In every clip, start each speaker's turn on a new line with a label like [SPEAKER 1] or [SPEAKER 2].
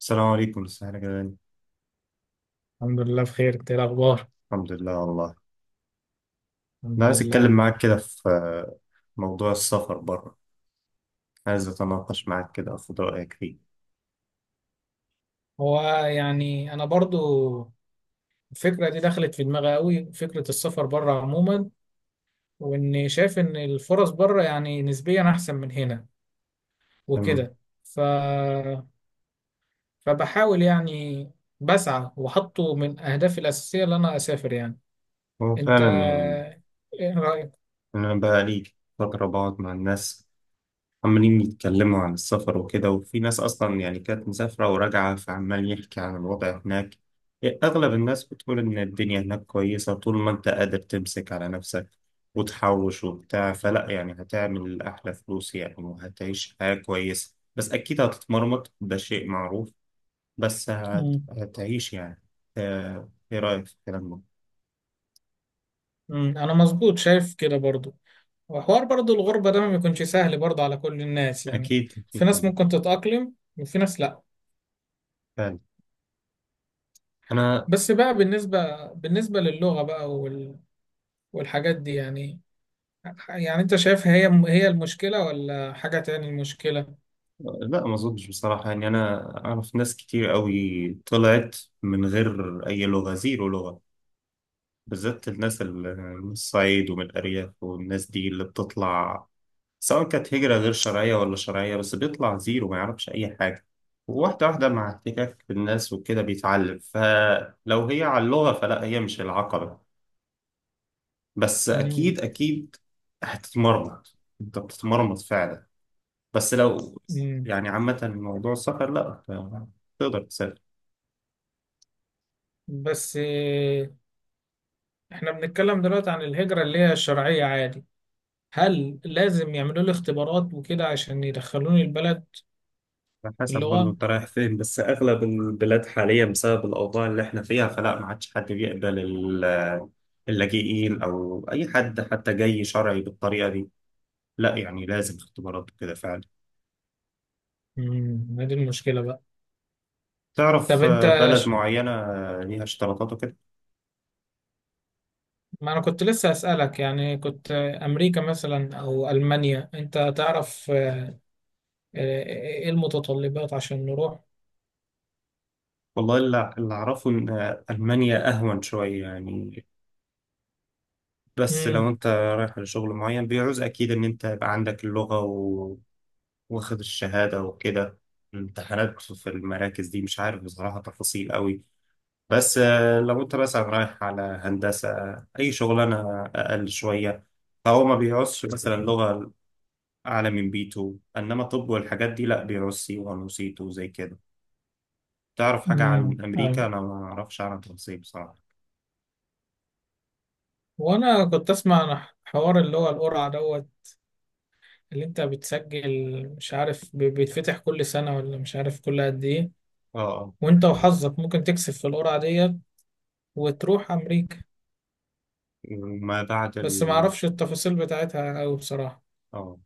[SPEAKER 1] السلام عليكم، ازيك يا جدعان؟
[SPEAKER 2] الحمد لله بخير، انت ايه الاخبار؟
[SPEAKER 1] الحمد لله والله.
[SPEAKER 2] الحمد
[SPEAKER 1] انا عايز اتكلم
[SPEAKER 2] لله.
[SPEAKER 1] معاك كده في موضوع السفر بره. عايز اتناقش معاك كده اخد رايك فيه.
[SPEAKER 2] هو، يعني انا برضو الفكره دي دخلت في دماغي قوي، فكره السفر بره عموما، واني شايف ان الفرص بره يعني نسبيا احسن من هنا
[SPEAKER 1] تمام.
[SPEAKER 2] وكده. ف فبحاول يعني، بسعى وحطه من اهدافي الاساسيه ان انا اسافر يعني.
[SPEAKER 1] هو
[SPEAKER 2] انت
[SPEAKER 1] فعلا يعني
[SPEAKER 2] ايه رايك؟
[SPEAKER 1] إن انا بقى لي فتره بقعد مع الناس عمالين يتكلموا عن السفر وكده، وفي ناس أصلا يعني كانت مسافرة وراجعة فعمال يحكي عن الوضع هناك. أغلب الناس بتقول إن الدنيا هناك كويسة طول ما أنت قادر تمسك على نفسك وتحوش وبتاع، فلا يعني هتعمل أحلى فلوس يعني وهتعيش حياة كويسة، بس أكيد هتتمرمط، ده شيء معروف. بس
[SPEAKER 2] مم.
[SPEAKER 1] هتعيش يعني. إيه رأيك في الكلام ده؟
[SPEAKER 2] مم. انا مظبوط شايف كده برضو. وحوار برضو الغربه ده ما بيكونش سهل برضو على كل الناس يعني.
[SPEAKER 1] أكيد
[SPEAKER 2] في
[SPEAKER 1] أكيد
[SPEAKER 2] ناس
[SPEAKER 1] طبعا.
[SPEAKER 2] ممكن تتاقلم وفي ناس لا.
[SPEAKER 1] فعلا. أنا،
[SPEAKER 2] بس بقى بالنسبة للغة بقى والحاجات دي يعني. يعني انت شايف هي المشكلة ولا حاجة تاني المشكلة؟
[SPEAKER 1] لا ما اظنش بصراحة. يعني انا اعرف ناس كتير قوي طلعت من غير اي لغة، زيرو لغة، بالذات الناس اللي من الصعيد ومن الارياف، والناس دي اللي بتطلع سواء كانت هجرة غير شرعية ولا شرعية بس بيطلع زيرو ما يعرفش اي حاجة. وواحدة واحدة مع احتكاك بالناس وكده بيتعلم، فلو هي على اللغة فلا، هي مش العقبة. بس
[SPEAKER 2] مم.
[SPEAKER 1] اكيد اكيد هتتمرمط، انت بتتمرمط فعلا، بس لو
[SPEAKER 2] مم.
[SPEAKER 1] يعني عامة موضوع السفر لا، تقدر تسافر.
[SPEAKER 2] بس احنا بنتكلم دلوقتي عن الهجرة اللي هي الشرعية عادي. هل لازم يعملوا لي اختبارات وكده عشان يدخلوني البلد؟
[SPEAKER 1] على حسب برضه
[SPEAKER 2] اللغة.
[SPEAKER 1] انت رايح فين، بس اغلب البلاد حاليا بسبب الاوضاع اللي احنا فيها فلا، ما عادش حد بيقبل اللاجئين او اي حد حتى جاي شرعي بالطريقة دي، لا يعني لازم اختبارات وكده فعلا.
[SPEAKER 2] مم. هذه المشكلة بقى. طب
[SPEAKER 1] تعرف
[SPEAKER 2] انت،
[SPEAKER 1] بلد
[SPEAKER 2] ش-
[SPEAKER 1] معينة ليها اشتراطات وكده.
[SPEAKER 2] ما انا كنت لسه أسألك، يعني كنت، امريكا مثلا او المانيا، انت تعرف ايه المتطلبات عشان نروح؟
[SPEAKER 1] والله اللي اعرفه ان المانيا اهون شوية يعني، بس لو
[SPEAKER 2] امم.
[SPEAKER 1] انت رايح لشغل معين بيعوز اكيد ان انت يبقى عندك اللغة، واخد الشهادة وكده. الامتحانات في المراكز دي مش عارف بصراحة تفاصيل قوي، بس لو انت مثلا رايح على هندسة، أي شغلانة أقل شوية، فهو ما بيعوزش مثلا لغة أعلى من بي B2، إنما طب والحاجات دي لأ بيعوز سي C1 وسي C2 زي كده. تعرف حاجة عن
[SPEAKER 2] امم، ايوه.
[SPEAKER 1] أمريكا؟ أنا ما أعرفش عنها تفاصيل بصراحة.
[SPEAKER 2] وانا كنت اسمع عن حوار اللي هو القرعه دوت، اللي انت بتسجل مش عارف، بيتفتح كل سنه ولا مش عارف كل قد ايه.
[SPEAKER 1] اه اه.
[SPEAKER 2] وانت وحظك ممكن تكسب في القرعه ديت وتروح امريكا.
[SPEAKER 1] وما بعد
[SPEAKER 2] بس ما
[SPEAKER 1] ال.
[SPEAKER 2] اعرفش التفاصيل بتاعتها قوي بصراحه.
[SPEAKER 1] اه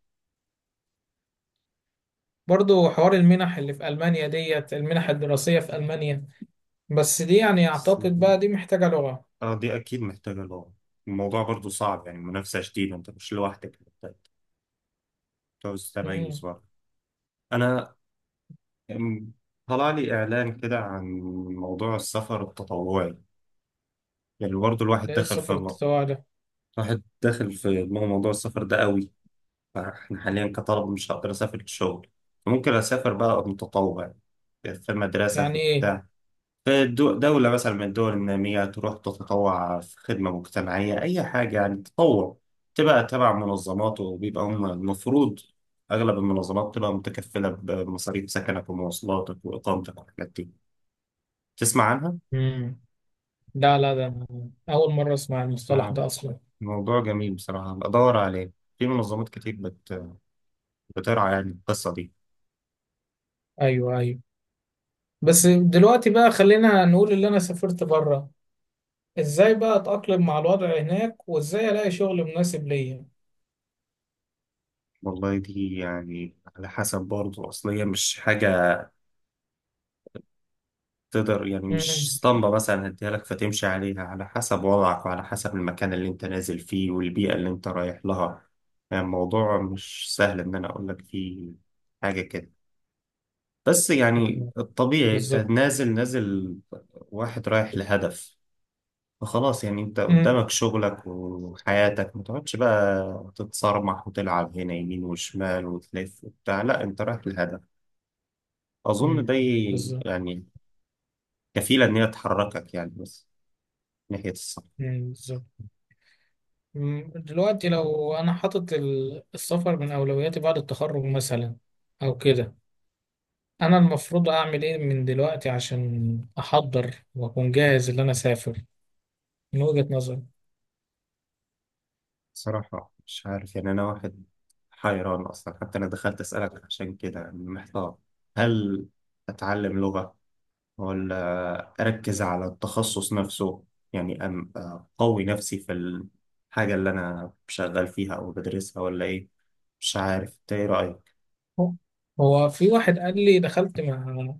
[SPEAKER 2] برضو حوار المنح اللي في المانيا ديت، المنح الدراسيه في المانيا، بس دي يعني اعتقد بقى دي محتاجه لغه.
[SPEAKER 1] اه. دي أكيد محتاجة لغة، الموضوع برضو صعب يعني منافسة شديدة، أنت مش لوحدك، جواز تميز
[SPEAKER 2] امم.
[SPEAKER 1] بقى. أنا، أم، طلع لي إعلان كده عن موضوع السفر التطوعي. يعني برضه الواحد
[SPEAKER 2] ده ايه
[SPEAKER 1] دخل في
[SPEAKER 2] السفر التطوعي ده؟
[SPEAKER 1] الواحد داخل في موضوع السفر ده قوي. فإحنا حاليا كطلبة مش هقدر أسافر للشغل، فممكن أسافر بقى متطوع، يعني في المدرسة في
[SPEAKER 2] يعني ايه؟
[SPEAKER 1] بتاع. دولة مثلا من الدول النامية تروح تتطوع في خدمة مجتمعية، أي حاجة يعني تطوع. تبقى تبع منظمات وبيبقى هم المفروض، أغلب المنظمات تبقى متكفلة بمصاريف سكنك ومواصلاتك وإقامتك والحاجات دي. تسمع عنها؟
[SPEAKER 2] امم. لا لا، ده أنا اول مره اسمع المصطلح
[SPEAKER 1] آه،
[SPEAKER 2] ده اصلا.
[SPEAKER 1] موضوع جميل بصراحة، بدور عليه. في منظمات كتير بت... بترعى يعني القصة دي.
[SPEAKER 2] ايوه ايوه. بس دلوقتي بقى خلينا نقول اللي انا سافرت بره، ازاي بقى اتأقلم مع الوضع هناك وازاي الاقي شغل مناسب ليا؟
[SPEAKER 1] والله دي يعني على حسب برضه أصلية، مش حاجة تقدر يعني، مش
[SPEAKER 2] امم،
[SPEAKER 1] اسطمبة مثلا هديها لك فتمشي عليها، على حسب وضعك وعلى حسب المكان اللي انت نازل فيه والبيئة اللي انت رايح لها. يعني الموضوع مش سهل ان انا اقول لك فيه حاجة كده، بس يعني الطبيعي انت
[SPEAKER 2] بالظبط.
[SPEAKER 1] نازل نازل واحد رايح لهدف، فخلاص يعني انت
[SPEAKER 2] امم.
[SPEAKER 1] قدامك شغلك وحياتك، ما تقعدش بقى تتصرمح وتلعب هنا يمين وشمال وتلف وبتاع، لا انت رايح لهدف. اظن ده
[SPEAKER 2] أمم. بالظبط.
[SPEAKER 1] يعني كفيلة ان هي تحركك يعني بس ناحية الصح.
[SPEAKER 2] أمم. بالظبط. أمم. دلوقتي لو انا حاطط السفر من اولوياتي بعد التخرج مثلا او كده، انا المفروض اعمل ايه من دلوقتي عشان احضر واكون جاهز اللي انا اسافر، من وجهة نظري؟
[SPEAKER 1] صراحة مش عارف يعني، أنا واحد حيران أصلا، حتى أنا دخلت أسألك عشان كده يعني محتار. هل أتعلم لغة ولا أركز على التخصص نفسه، يعني أقوي نفسي في الحاجة اللي أنا شغال فيها أو بدرسها، ولا إيه؟ مش عارف أنت إيه رأيك.
[SPEAKER 2] هو هو في واحد قال لي، دخلت مع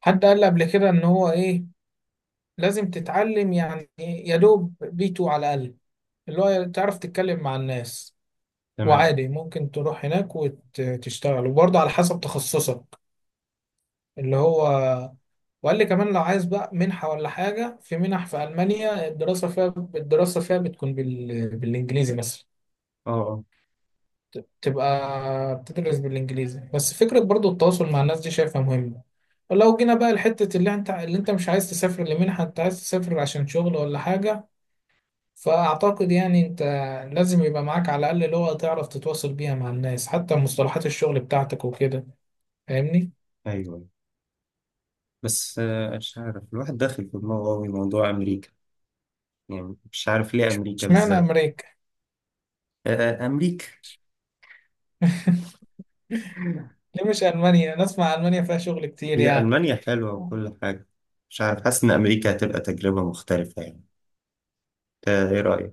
[SPEAKER 2] حد قال لي قبل كده ان هو ايه، لازم تتعلم يعني يا دوب بي 2 على الاقل، اللي هو تعرف تتكلم مع الناس.
[SPEAKER 1] تمام.
[SPEAKER 2] وعادي ممكن تروح هناك وتشتغل وبرضه على حسب تخصصك اللي هو. وقال لي كمان لو عايز بقى منحة ولا حاجة، في منح في ألمانيا الدراسة فيها بتكون بالإنجليزي مثلا،
[SPEAKER 1] أه أه.
[SPEAKER 2] تبقى بتدرس بالانجليزي، بس فكره برضو التواصل مع الناس دي شايفها مهمه. ولو جينا بقى لحته اللي انت مش عايز تسافر لمنحه، انت عايز تسافر عشان شغل ولا حاجه، فاعتقد يعني انت لازم يبقى معاك على الاقل لغه تعرف تتواصل بيها مع الناس حتى مصطلحات الشغل بتاعتك وكده، فاهمني؟
[SPEAKER 1] أيوه. بس مش عارف الواحد داخل في دماغه أوي موضوع أمريكا، يعني مش عارف ليه أمريكا
[SPEAKER 2] اشمعنى
[SPEAKER 1] بالذات.
[SPEAKER 2] امريكا؟
[SPEAKER 1] آه، أمريكا.
[SPEAKER 2] ليه مش المانيا؟ نسمع المانيا فيها شغل كتير
[SPEAKER 1] هي
[SPEAKER 2] يعني.
[SPEAKER 1] ألمانيا حلوة وكل حاجة، مش عارف حاسس إن أمريكا هتبقى تجربة مختلفة يعني. إنت إيه رأيك؟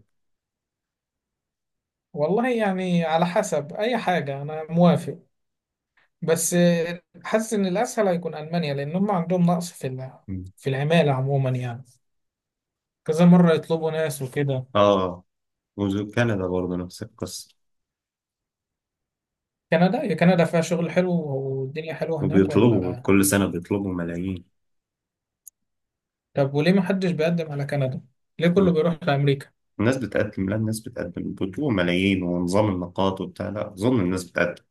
[SPEAKER 2] والله يعني على حسب، اي حاجه انا موافق. بس حاسس ان الاسهل هيكون المانيا لان هم عندهم نقص في
[SPEAKER 1] مم.
[SPEAKER 2] في العماله عموما يعني، كذا مره يطلبوا ناس وكده.
[SPEAKER 1] آه. وكندا برضه نفس القصة،
[SPEAKER 2] كندا؟ يا كندا فيها شغل حلو والدنيا حلوه هناك
[SPEAKER 1] وبيطلبوا
[SPEAKER 2] ولا؟
[SPEAKER 1] كل سنة بيطلبوا ملايين.
[SPEAKER 2] طب وليه ما حدش بيقدم على كندا؟ ليه كله
[SPEAKER 1] مم.
[SPEAKER 2] بيروح لامريكا؟
[SPEAKER 1] الناس بتقدم، لا الناس بتقدم، بيطلبوا ملايين ونظام النقاط وبتاع، لا أظن الناس بتقدم.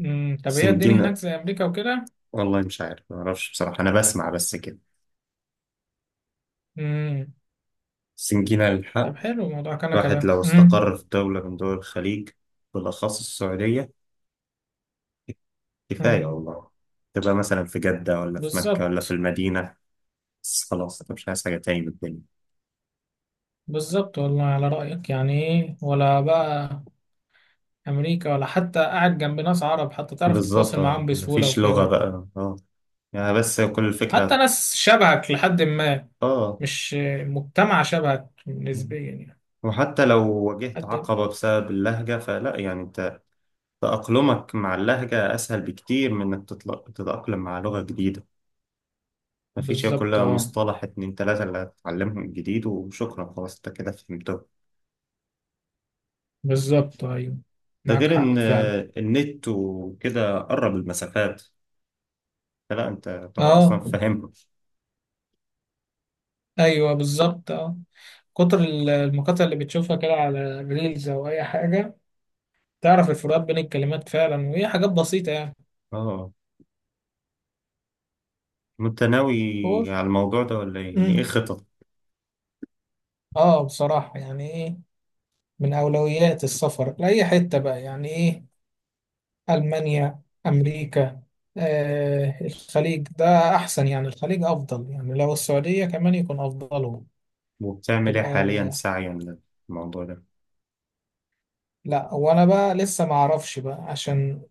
[SPEAKER 2] امم. طب هي الدنيا
[SPEAKER 1] سنجينا.
[SPEAKER 2] هناك زي امريكا وكده؟
[SPEAKER 1] والله مش عارف، ما أعرفش بصراحة أنا بسمع بس كده.
[SPEAKER 2] امم.
[SPEAKER 1] سنجينا الحق.
[SPEAKER 2] طب حلو، موضوع كندا
[SPEAKER 1] الواحد
[SPEAKER 2] ده.
[SPEAKER 1] لو
[SPEAKER 2] امم.
[SPEAKER 1] استقر في دولة من دول الخليج بالأخص السعودية، كفاية
[SPEAKER 2] امم،
[SPEAKER 1] والله. تبقى مثلا في جدة ولا في مكة ولا في
[SPEAKER 2] بالظبط.
[SPEAKER 1] المدينة، بس خلاص أنا مش عايز حاجة تاني من الدنيا.
[SPEAKER 2] بالظبط، والله على رأيك، يعني ايه ولا بقى أمريكا؟ ولا حتى قاعد جنب ناس عرب، حتى تعرف
[SPEAKER 1] بالظبط
[SPEAKER 2] تتواصل
[SPEAKER 1] اه،
[SPEAKER 2] معاهم بسهولة
[SPEAKER 1] مفيش لغة
[SPEAKER 2] وكده،
[SPEAKER 1] بقى اه، يعني بس كل
[SPEAKER 2] حتى
[SPEAKER 1] الفكرة.
[SPEAKER 2] ناس شبهك لحد ما.
[SPEAKER 1] اه.
[SPEAKER 2] مش مجتمع شبهك نسبيا يعني.
[SPEAKER 1] وحتى لو واجهت
[SPEAKER 2] حد.
[SPEAKER 1] عقبة بسبب اللهجة فلا يعني انت تأقلمك مع اللهجة أسهل بكتير من إنك تتأقلم مع لغة جديدة. مفيش، هي
[SPEAKER 2] بالظبط
[SPEAKER 1] كلها
[SPEAKER 2] اه،
[SPEAKER 1] مصطلح اتنين تلاتة اللي هتتعلمهم جديد وشكرا، خلاص انت كده فهمتهم.
[SPEAKER 2] بالظبط ايوه،
[SPEAKER 1] ده
[SPEAKER 2] معاك
[SPEAKER 1] غير
[SPEAKER 2] حق
[SPEAKER 1] إن
[SPEAKER 2] فعلا.
[SPEAKER 1] النت وكده قرب المسافات، لا انت طبعا اصلا
[SPEAKER 2] اه،
[SPEAKER 1] فاهمها.
[SPEAKER 2] ايوه بالظبط اه. كتر المقاطع اللي بتشوفها كده على ريلز او اي حاجه، تعرف الفروقات بين الكلمات فعلا، وهي حاجات بسيطه يعني.
[SPEAKER 1] اه. انت
[SPEAKER 2] هو.
[SPEAKER 1] ناوي على الموضوع ده ولا إيه؟ يعني ايه
[SPEAKER 2] مم.
[SPEAKER 1] خطط
[SPEAKER 2] اه بصراحه يعني ايه، من اولويات السفر لاي حته بقى يعني ايه، ألمانيا، أمريكا، الخليج ده أحسن، يعني الخليج أفضل يعني، لو السعودية كمان يكون أفضلهم.
[SPEAKER 1] وبتعمل ايه
[SPEAKER 2] تبقى.
[SPEAKER 1] حاليا سعيا للموضوع ده؟
[SPEAKER 2] لا، وأنا بقى لسه ما أعرفش بقى عشان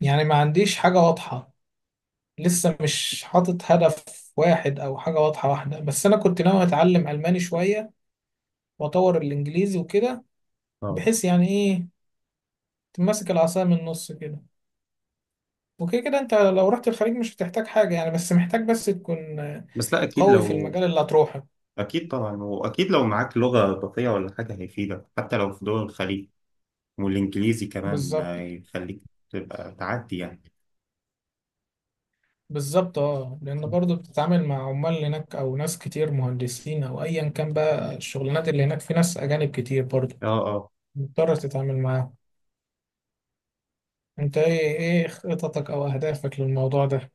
[SPEAKER 2] يعني ما عنديش حاجة واضحة. لسه مش حاطط هدف واحد أو حاجة واضحة واحدة، بس أنا كنت ناوي أتعلم ألماني شوية وأطور الإنجليزي وكده،
[SPEAKER 1] اه.
[SPEAKER 2] بحيث يعني إيه، تمسك العصاية من النص كده. وكده كده أنت لو رحت الخليج مش هتحتاج حاجة يعني، بس محتاج بس تكون
[SPEAKER 1] بس لا اكيد
[SPEAKER 2] قوي في
[SPEAKER 1] لو،
[SPEAKER 2] المجال اللي هتروحه.
[SPEAKER 1] اكيد طبعا، واكيد لو معاك لغة اضافية ولا حاجة هيفيدك حتى لو في دول الخليج، والانجليزي كمان
[SPEAKER 2] بالظبط،
[SPEAKER 1] ما يخليك تبقى تعدي يعني.
[SPEAKER 2] بالظبط اه، لان برضو بتتعامل مع عمال هناك او ناس كتير مهندسين او ايا كان بقى الشغلانات اللي هناك في ناس اجانب كتير برضو،
[SPEAKER 1] اه اه.
[SPEAKER 2] مضطر تتعامل معاهم. انت ايه خططك او اهدافك للموضوع ده؟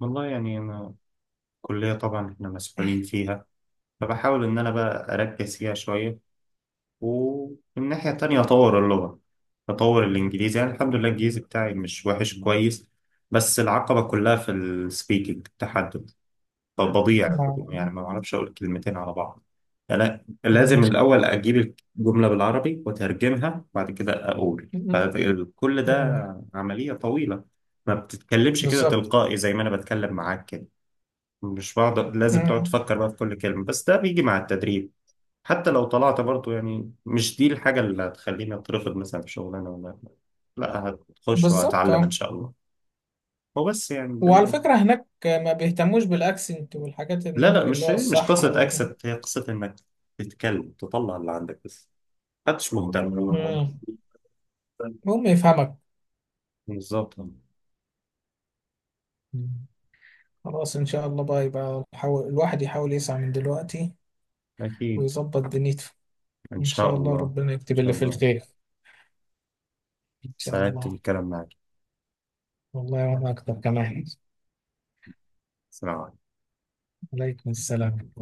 [SPEAKER 1] والله يعني انا الكلية طبعا احنا مسؤولين فيها، فبحاول ان انا بقى اركز فيها شوية، ومن الناحية التانية أطور اللغة، أطور الإنجليزي. يعني الحمد لله الإنجليزي بتاعي مش وحش، كويس. بس العقبة كلها في السبيكنج، التحدث. طب بضيع
[SPEAKER 2] مع
[SPEAKER 1] بضيع، يعني ما بعرفش أقول كلمتين على بعض. يعني أنا
[SPEAKER 2] مع
[SPEAKER 1] لازم
[SPEAKER 2] المشكلة.
[SPEAKER 1] الأول أجيب الجملة بالعربي وأترجمها وبعد كده أقول
[SPEAKER 2] م-
[SPEAKER 1] كل
[SPEAKER 2] م- م-
[SPEAKER 1] ده عملية طويلة، ما بتتكلمش كده
[SPEAKER 2] بالظبط.
[SPEAKER 1] تلقائي زي ما أنا بتكلم معاك كده. مش بقعد، لازم تقعد
[SPEAKER 2] م-
[SPEAKER 1] تفكر بقى في كل كلمة، بس ده بيجي مع التدريب. حتى لو طلعت برضو يعني مش دي الحاجة اللي هتخليني أترفض مثلا في شغلانة، ولا، لا هتخش
[SPEAKER 2] بالظبط
[SPEAKER 1] وهتعلم إن
[SPEAKER 2] اه.
[SPEAKER 1] شاء الله. هو بس يعني ده
[SPEAKER 2] وعلى
[SPEAKER 1] اللي.
[SPEAKER 2] فكرة هناك ما بيهتموش بالاكسنت والحاجات،
[SPEAKER 1] لا لا
[SPEAKER 2] النطق اللي
[SPEAKER 1] مش
[SPEAKER 2] هو
[SPEAKER 1] مش
[SPEAKER 2] الصح
[SPEAKER 1] قصة
[SPEAKER 2] اوي ده.
[SPEAKER 1] أكسبت، هي قصة إنك تتكلم، تطلع اللي عندك بس، محدش مهتم.
[SPEAKER 2] مم. هم يفهمك.
[SPEAKER 1] بالظبط.
[SPEAKER 2] مم. خلاص ان شاء الله بقى، يبقى الواحد يحاول يسعى من دلوقتي
[SPEAKER 1] أكيد.
[SPEAKER 2] ويظبط دنيته.
[SPEAKER 1] إن
[SPEAKER 2] إن شاء
[SPEAKER 1] شاء
[SPEAKER 2] الله
[SPEAKER 1] الله
[SPEAKER 2] ربنا
[SPEAKER 1] إن
[SPEAKER 2] يكتب
[SPEAKER 1] شاء
[SPEAKER 2] اللي في
[SPEAKER 1] الله.
[SPEAKER 2] الخير، إن شاء
[SPEAKER 1] سعدت
[SPEAKER 2] الله.
[SPEAKER 1] بالكلام معك.
[SPEAKER 2] والله وأنا أكتر كمان.
[SPEAKER 1] سلام عليكم.
[SPEAKER 2] عليكم السلام.